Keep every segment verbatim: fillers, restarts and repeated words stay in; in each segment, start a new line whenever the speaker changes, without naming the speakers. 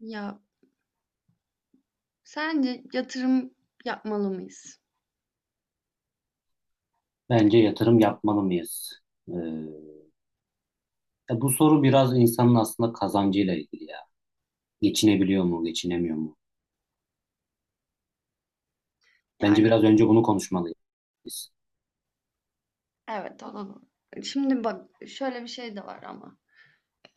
Ya sence yatırım yapmalı mıyız?
Bence yatırım yapmalı mıyız? Ee, Ya bu soru biraz insanın aslında kazancıyla ilgili ya. Geçinebiliyor mu, geçinemiyor mu? Bence
Yani
biraz önce bunu konuşmalıyız.
evet olalım. Şimdi bak şöyle bir şey de var ama.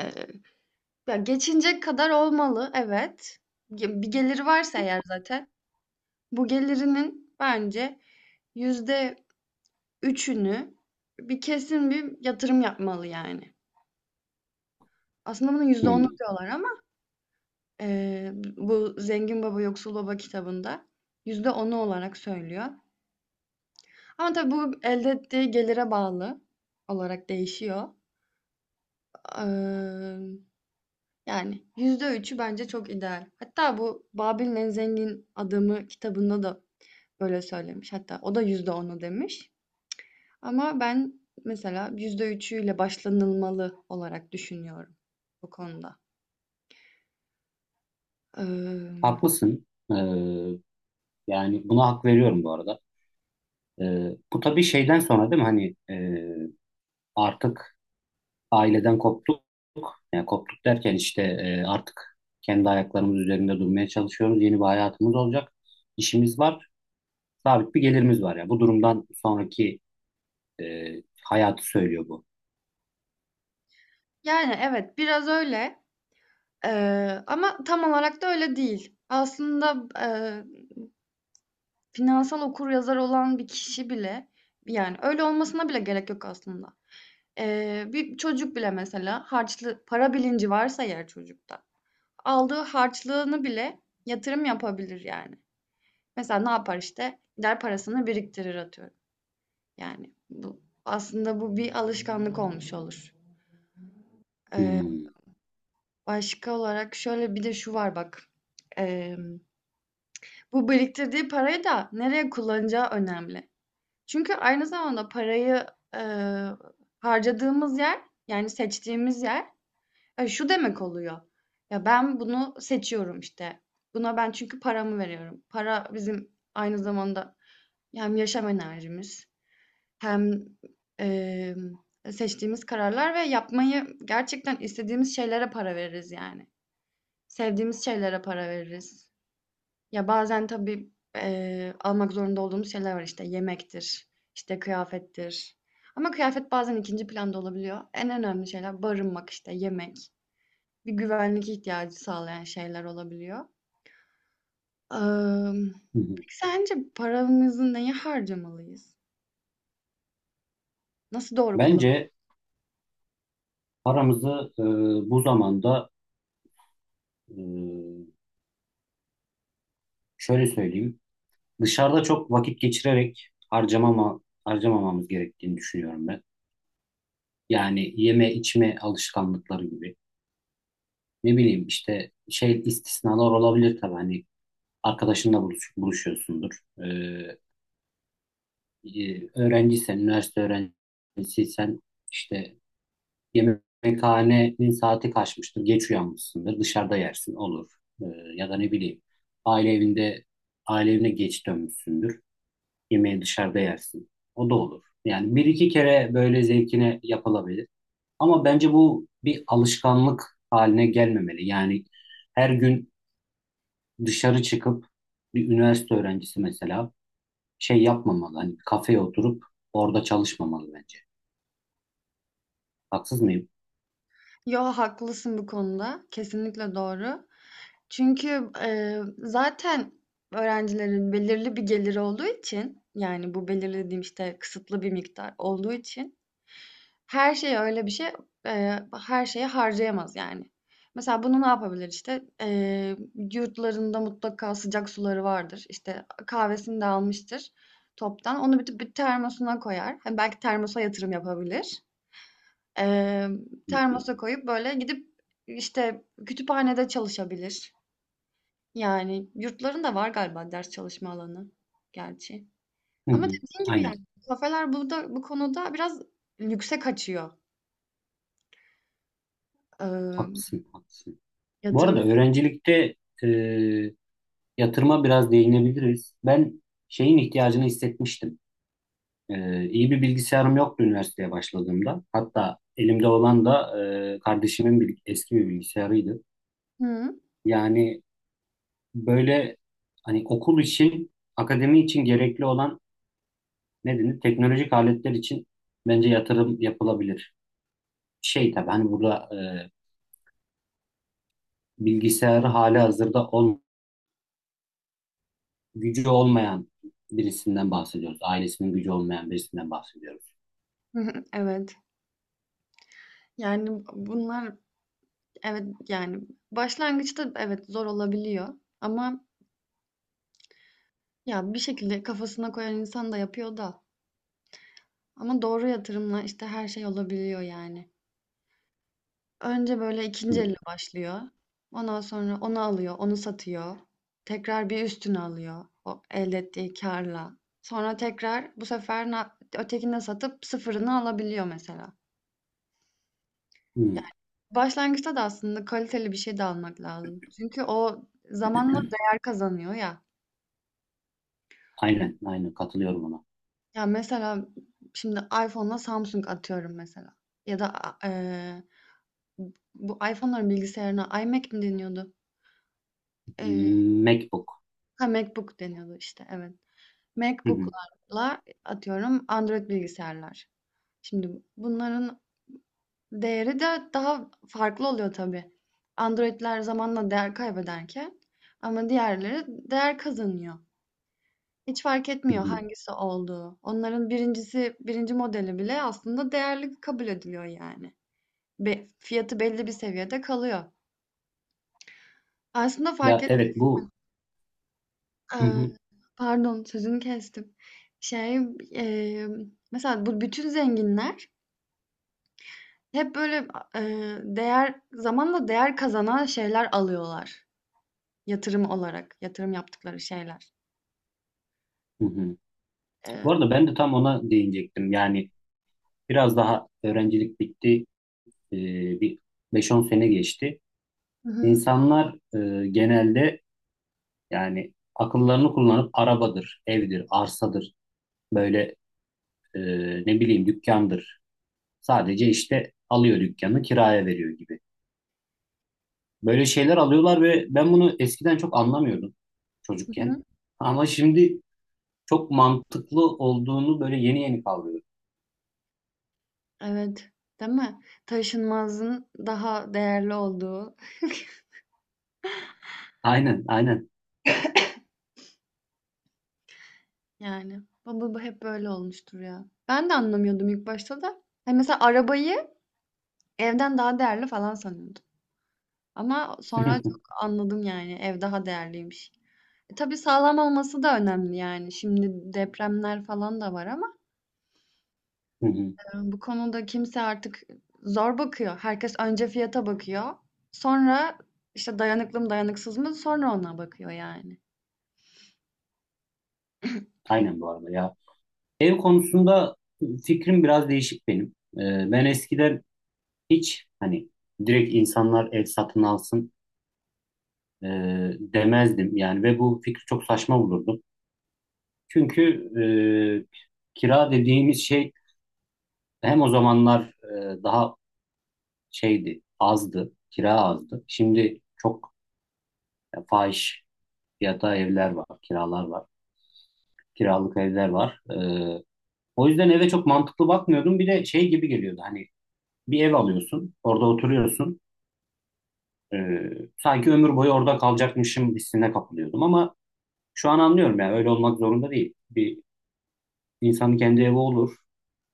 Ee, ya geçinecek kadar olmalı, evet. Ge- Bir geliri varsa eğer zaten. Bu gelirinin bence yüzde üçünü bir kesin bir yatırım yapmalı yani. Aslında bunun yüzde onu
Hmm.
diyorlar ama ee, bu Zengin Baba Yoksul Baba kitabında yüzde onu olarak söylüyor. Ama tabii bu elde ettiği gelire bağlı olarak değişiyor. Eee, Yani yüzde üçü bence çok ideal. Hatta bu Babil'in en zengin adamı kitabında da böyle söylemiş. Hatta o da yüzde onu demiş. Ama ben mesela yüzde üçüyle başlanılmalı olarak düşünüyorum bu konuda. Eee,
Haklısın. Ee, Yani buna hak veriyorum bu arada. Ee, bu tabii şeyden sonra değil mi? Hani e, artık aileden koptuk. Yani koptuk derken işte e, artık kendi ayaklarımız üzerinde durmaya çalışıyoruz. Yeni bir hayatımız olacak. İşimiz var. Sabit bir gelirimiz var ya. Bu durumdan sonraki E, hayatı söylüyor bu.
Yani evet, biraz öyle. Eee, ama tam olarak da öyle değil. Aslında eee Finansal okuryazar olan bir kişi bile, yani öyle olmasına bile gerek yok aslında. Eee, bir çocuk bile mesela, harçlı para bilinci varsa eğer çocukta, aldığı harçlığını bile yatırım yapabilir yani. Mesela ne yapar işte? Gider parasını biriktirir, atıyorum. Yani bu aslında bu bir alışkanlık olmuş olur. Eee,
Hmm.
Başka olarak şöyle bir de şu var, bak. Eee, Bu biriktirdiği parayı da nereye kullanacağı önemli. Çünkü aynı zamanda parayı, eee, harcadığımız yer, yani seçtiğimiz yer, eee, şu demek oluyor: ya, ben bunu seçiyorum işte. Buna ben çünkü paramı veriyorum. Para bizim aynı zamanda hem yaşam enerjimiz hem, emm, seçtiğimiz kararlar ve yapmayı gerçekten istediğimiz şeylere para veririz yani. Sevdiğimiz şeylere para veririz. Ya, bazen tabii, eee, almak zorunda olduğumuz şeyler var. İşte yemektir, işte kıyafettir, ama kıyafet bazen ikinci planda olabiliyor. En önemli şeyler barınmak, işte yemek, bir güvenlik ihtiyacı sağlayan şeyler olabiliyor. Emm,
Hı hı.
peki sence paramızı neye harcamalıyız? Nasıl doğru kullan.
Bence paramızı e, bu zamanda e, şöyle söyleyeyim. Dışarıda çok vakit geçirerek harcamama, harcamamamız gerektiğini düşünüyorum ben. Yani yeme içme alışkanlıkları gibi. Ne bileyim işte şey istisnalar olabilir tabii hani arkadaşınla buluş, buluşuyorsundur. E, e, öğrenciysen, üniversite öğrencisiysen işte yemekhanenin saati kaçmıştır, geç uyanmışsındır, dışarıda yersin, olur. Ee, Ya da ne bileyim, aile evinde, aile evine geç dönmüşsündür, yemeği dışarıda yersin. O da olur. Yani bir iki kere böyle zevkine yapılabilir. Ama bence bu bir alışkanlık haline gelmemeli. Yani her gün dışarı çıkıp bir üniversite öğrencisi mesela şey yapmamalı. Hani bir kafeye oturup orada çalışmamalı bence. Haksız mıyım?
Yo, haklısın bu konuda. Kesinlikle doğru. Çünkü, eee, zaten öğrencilerin belirli bir geliri olduğu için, yani bu belirli dediğim işte kısıtlı bir miktar olduğu için, her şeye öyle bir şey, eee, her şeye harcayamaz yani. Mesela bunu ne yapabilir işte? Eee, yurtlarında mutlaka sıcak suları vardır. İşte kahvesini de almıştır toptan. Onu bir bir termosuna koyar. Hani, belki termosa yatırım yapabilir. Emm, Termosa koyup böyle gidip, işte, kütüphanede çalışabilir. Yani yurtların da var galiba ders çalışma alanı, gerçi.
Hı
Ama
hı.
dediğin gibi,
Aynen.
yani, kafeler burada bu konuda biraz lükse kaçıyor. Emm,
Haklısın. Haklısın. Bu
Yatırım
arada öğrencilikte e, yatırıma biraz değinebiliriz. Ben şeyin ihtiyacını hissetmiştim. E, iyi bir bilgisayarım yoktu üniversiteye başladığımda. Hatta elimde olan da e, kardeşimin bir, eski bir bilgisayarıydı. Yani böyle hani okul için, akademi için gerekli olan ne denir? Teknolojik aletler için bence yatırım yapılabilir. Şey tabii hani burada e, bilgisayarı hali hazırda gücü olmayan birisinden bahsediyoruz. Ailesinin gücü olmayan birisinden bahsediyoruz.
hı. Evet. Yani bunlar, evet, yani başlangıçta evet, zor olabiliyor, ama ya, bir şekilde kafasına koyan insan da yapıyor da, ama doğru yatırımla işte her şey olabiliyor yani. Önce böyle
Hı
ikinci
hı.
elle başlıyor. Ondan sonra onu alıyor, onu satıyor. Tekrar bir üstünü alıyor o elde ettiği karla. Sonra tekrar, bu sefer na- ötekini de satıp sıfırını alabiliyor mesela.
Hı.
Yani Başlangıçta da aslında kaliteli bir şey de almak lazım. Çünkü o zamanla değer kazanıyor ya.
Aynen, aynen katılıyorum ona.
Ya mesela şimdi iPhone'la Samsung, atıyorum mesela. Ya da a- eee, bu iPhone'ların bilgisayarına iMac mi deniyordu? Eee
MacBook.
ha, MacBook deniyordu işte, evet.
Hı hı.
MacBook'larla, atıyorum, Android bilgisayarlar. Şimdi bunların değeri de daha farklı oluyor tabii. Android'ler zamanla değer kaybederken ama diğerleri değer kazanıyor. Hiç fark
Hı
etmiyor
hı.
hangisi olduğu. Onların birincisi, birinci modeli bile aslında değerli kabul ediliyor yani. Be- fiyatı belli bir seviyede kalıyor. Aslında fark
Ya
et...
evet bu. Hı
Eee,
hı.
pardon, sözünü kestim. Şey, eee, Mesela bu bütün zenginler hep böyle, a değer, zamanla değer kazanan şeyler alıyorlar yatırım olarak, yatırım yaptıkları şeyler.
Hı hı. Bu
Eee
arada ben de tam ona değinecektim. Yani biraz daha öğrencilik bitti. Ee, Bir beş on sene geçti.
Hı hı.
İnsanlar e, genelde yani akıllarını kullanıp arabadır, evdir, arsadır, böyle e, ne bileyim dükkandır. Sadece işte alıyor dükkanı kiraya veriyor gibi. Böyle şeyler alıyorlar ve ben bunu eskiden çok anlamıyordum
Hı
çocukken.
hı.
Ama şimdi çok mantıklı olduğunu böyle yeni yeni kavruyorum.
Evet, değil mi? Taşınmazın daha değerli olduğu
Aynen, aynen.
yani. Bu bu bu hep böyle olmuştur ya. Ben de anlamıyordum ilk başta da. Hani mesela arabayı evden daha değerli falan sanıyordum, ama sonra çok
Hı
anladım yani, ev daha değerliymiş. E, tabii sağlam olması da önemli yani. Şimdi depremler falan da var, ama
hı.
Bu konuda kimse artık zor bakıyor. Herkes önce fiyata bakıyor. Sonra işte dayanıklı mı dayanıksız mı, sonra ona bakıyor yani.
Aynen bu arada ya. Ev konusunda fikrim biraz değişik benim. Ee, ben eskiden hiç hani direkt insanlar ev satın alsın e, demezdim yani ve bu fikri çok saçma bulurdum. Çünkü e, kira dediğimiz şey hem o zamanlar e, daha şeydi, azdı, kira azdı. Şimdi çok e, fahiş fiyata evler var, kiralar var, kiralık evler var. E, o yüzden eve çok mantıklı bakmıyordum. Bir de şey gibi geliyordu hani bir ev alıyorsun, orada oturuyorsun. E, Sanki ömür boyu orada kalacakmışım hissine kapılıyordum ama şu an anlıyorum yani öyle olmak zorunda değil. Bir insanın kendi evi olur.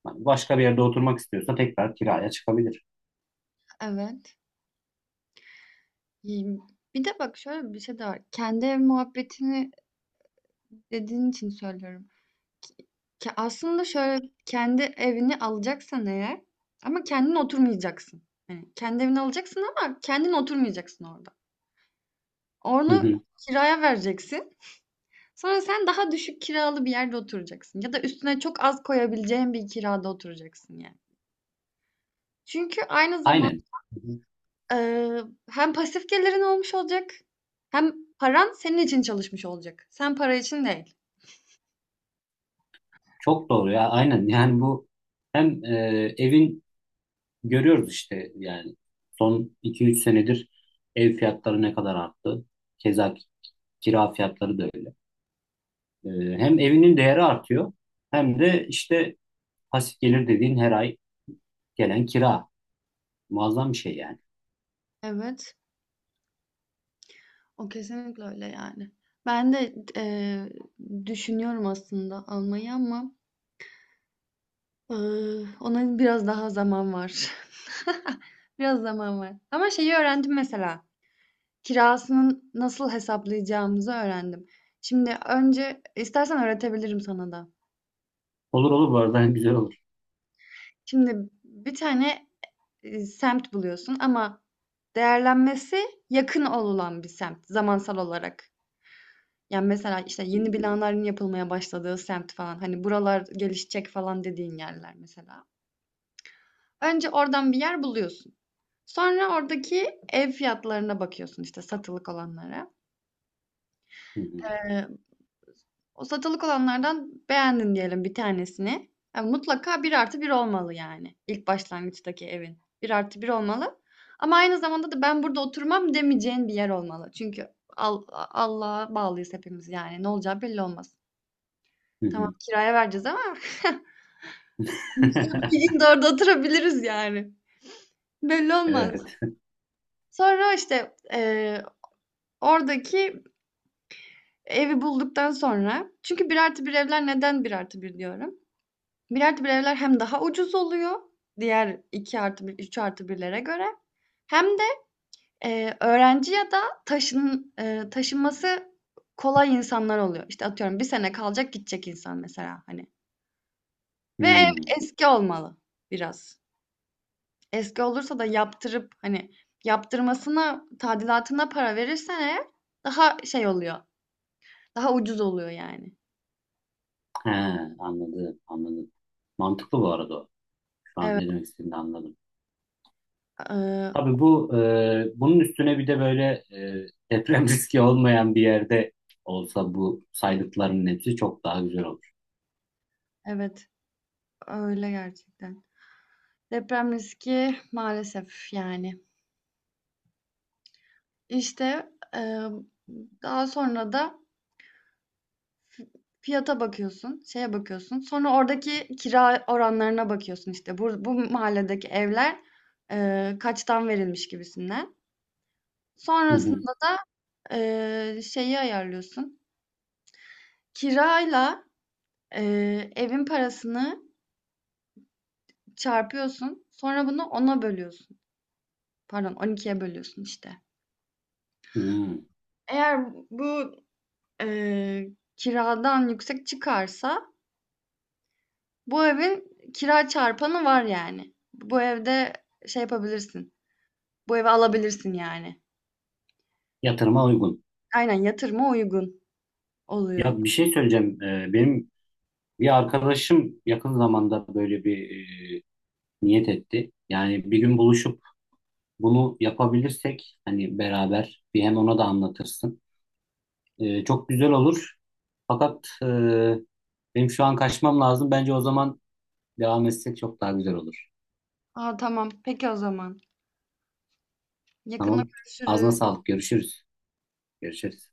Hani başka bir yerde oturmak istiyorsa tekrar kiraya çıkabilir.
Evet. İyi. Bir de bak, şöyle bir şey de var. Kendi ev muhabbetini dediğin için söylüyorum. Ki- aslında şöyle, kendi evini alacaksan eğer, ama kendin oturmayacaksın. Yani kendi evini alacaksın ama kendin oturmayacaksın orada.
Hı
Onu
hı.
kiraya vereceksin. Sonra sen daha düşük kiralı bir yerde oturacaksın, ya da üstüne çok az koyabileceğin bir kirada oturacaksın yani. Çünkü aynı zaman
Aynen.
eee, hem pasif gelirin olmuş olacak, hem paran senin için çalışmış olacak. Sen para için değil.
Çok doğru ya aynen yani bu hem e, evin görüyoruz işte yani son iki üç senedir ev fiyatları ne kadar arttı. Keza kira fiyatları da öyle. E, Hem evinin değeri artıyor hem de işte pasif gelir dediğin her ay gelen kira. Muazzam bir şey yani.
Evet, o kesinlikle öyle yani. Ben de eee, düşünüyorum aslında almayı, ama eee, ona biraz daha zaman var. Biraz zaman var. Ama şeyi öğrendim mesela. Kirasının nasıl hesaplayacağımızı öğrendim. Şimdi önce istersen öğretebilirim sana da.
Olur olur bu arada güzel olur.
Şimdi bir tane, eee, semt buluyorsun, ama değerlenmesi yakın olulan bir semt, zamansal olarak. Yani mesela işte
Hı
yeni binaların yapılmaya başladığı semt falan, hani buralar gelişecek falan dediğin yerler mesela. Önce oradan bir yer buluyorsun. Sonra oradaki ev fiyatlarına bakıyorsun, işte satılık olanlara.
hı,
Eee, O satılık olanlardan beğendin diyelim bir tanesini. Yani mutlaka bir artı bir olmalı yani. İlk başlangıçtaki evin. Bir artı bir olmalı. Ama aynı zamanda da ben burada oturmam demeyeceğin bir yer olmalı. Çünkü Al- Allah'a bağlıyız hepimiz yani. Ne olacağı belli olmaz.
hı
Tamam,
hı.
kiraya vereceğiz ama biz de bir gün de orada oturabiliriz yani. Belli olmaz.
Evet.
Sonra işte eee, oradaki evi bulduktan sonra, çünkü bir artı bir evler, neden bir artı bir diyorum? Bir artı bir evler hem daha ucuz oluyor diğer iki artı bir üç artı birlere göre, hem de, eee, öğrenci ya da taşın eee, taşınması kolay insanlar oluyor. İşte, atıyorum, bir sene kalacak gidecek insan mesela, hani. Ve ev
Hmm.
eski olmalı biraz. Eski olursa da yaptırıp, hani, yaptırmasına, tadilatına para verirsen eğer, daha şey oluyor, daha ucuz oluyor yani.
He, anladım anladım. Mantıklı bu arada o. Şu an ne
Evet,
demek istediğini anladım.
eee,
Tabii bu e, bunun üstüne bir de böyle e, deprem riski olmayan bir yerde olsa bu saydıklarının hepsi çok daha güzel olur.
evet, öyle gerçekten. Deprem riski, maalesef yani. İşte, emm, daha sonra da fiyata bakıyorsun, şeye bakıyorsun. Sonra oradaki kira oranlarına bakıyorsun, işte, bur bu mahalledeki evler, eee, kaçtan verilmiş gibisinden.
Hı hı.
Sonrasında da, eee, şeyi ayarlıyorsun. Kirayla, eee, evin parasını çarpıyorsun. Sonra bunu ona bölüyorsun. Pardon, on ikiye bölüyorsun işte.
Hmm.
Eğer bu, eee, kiradan yüksek çıkarsa, bu evin kira çarpanı var yani. Bu evde şey yapabilirsin. Bu evi alabilirsin yani.
Yatırıma uygun.
Aynen, yatırıma uygun oluyor.
Ya bir şey söyleyeceğim. E, benim bir arkadaşım yakın zamanda böyle bir e, niyet etti. Yani bir gün buluşup bunu yapabilirsek hani beraber bir hem ona da anlatırsın. E, çok güzel olur. Fakat e, benim şu an kaçmam lazım. Bence o zaman devam etsek çok daha güzel olur.
Aa, tamam. Peki, o zaman. Yakında
Tamam. Ağzına
görüşürüz.
sağlık. Görüşürüz. Görüşürüz.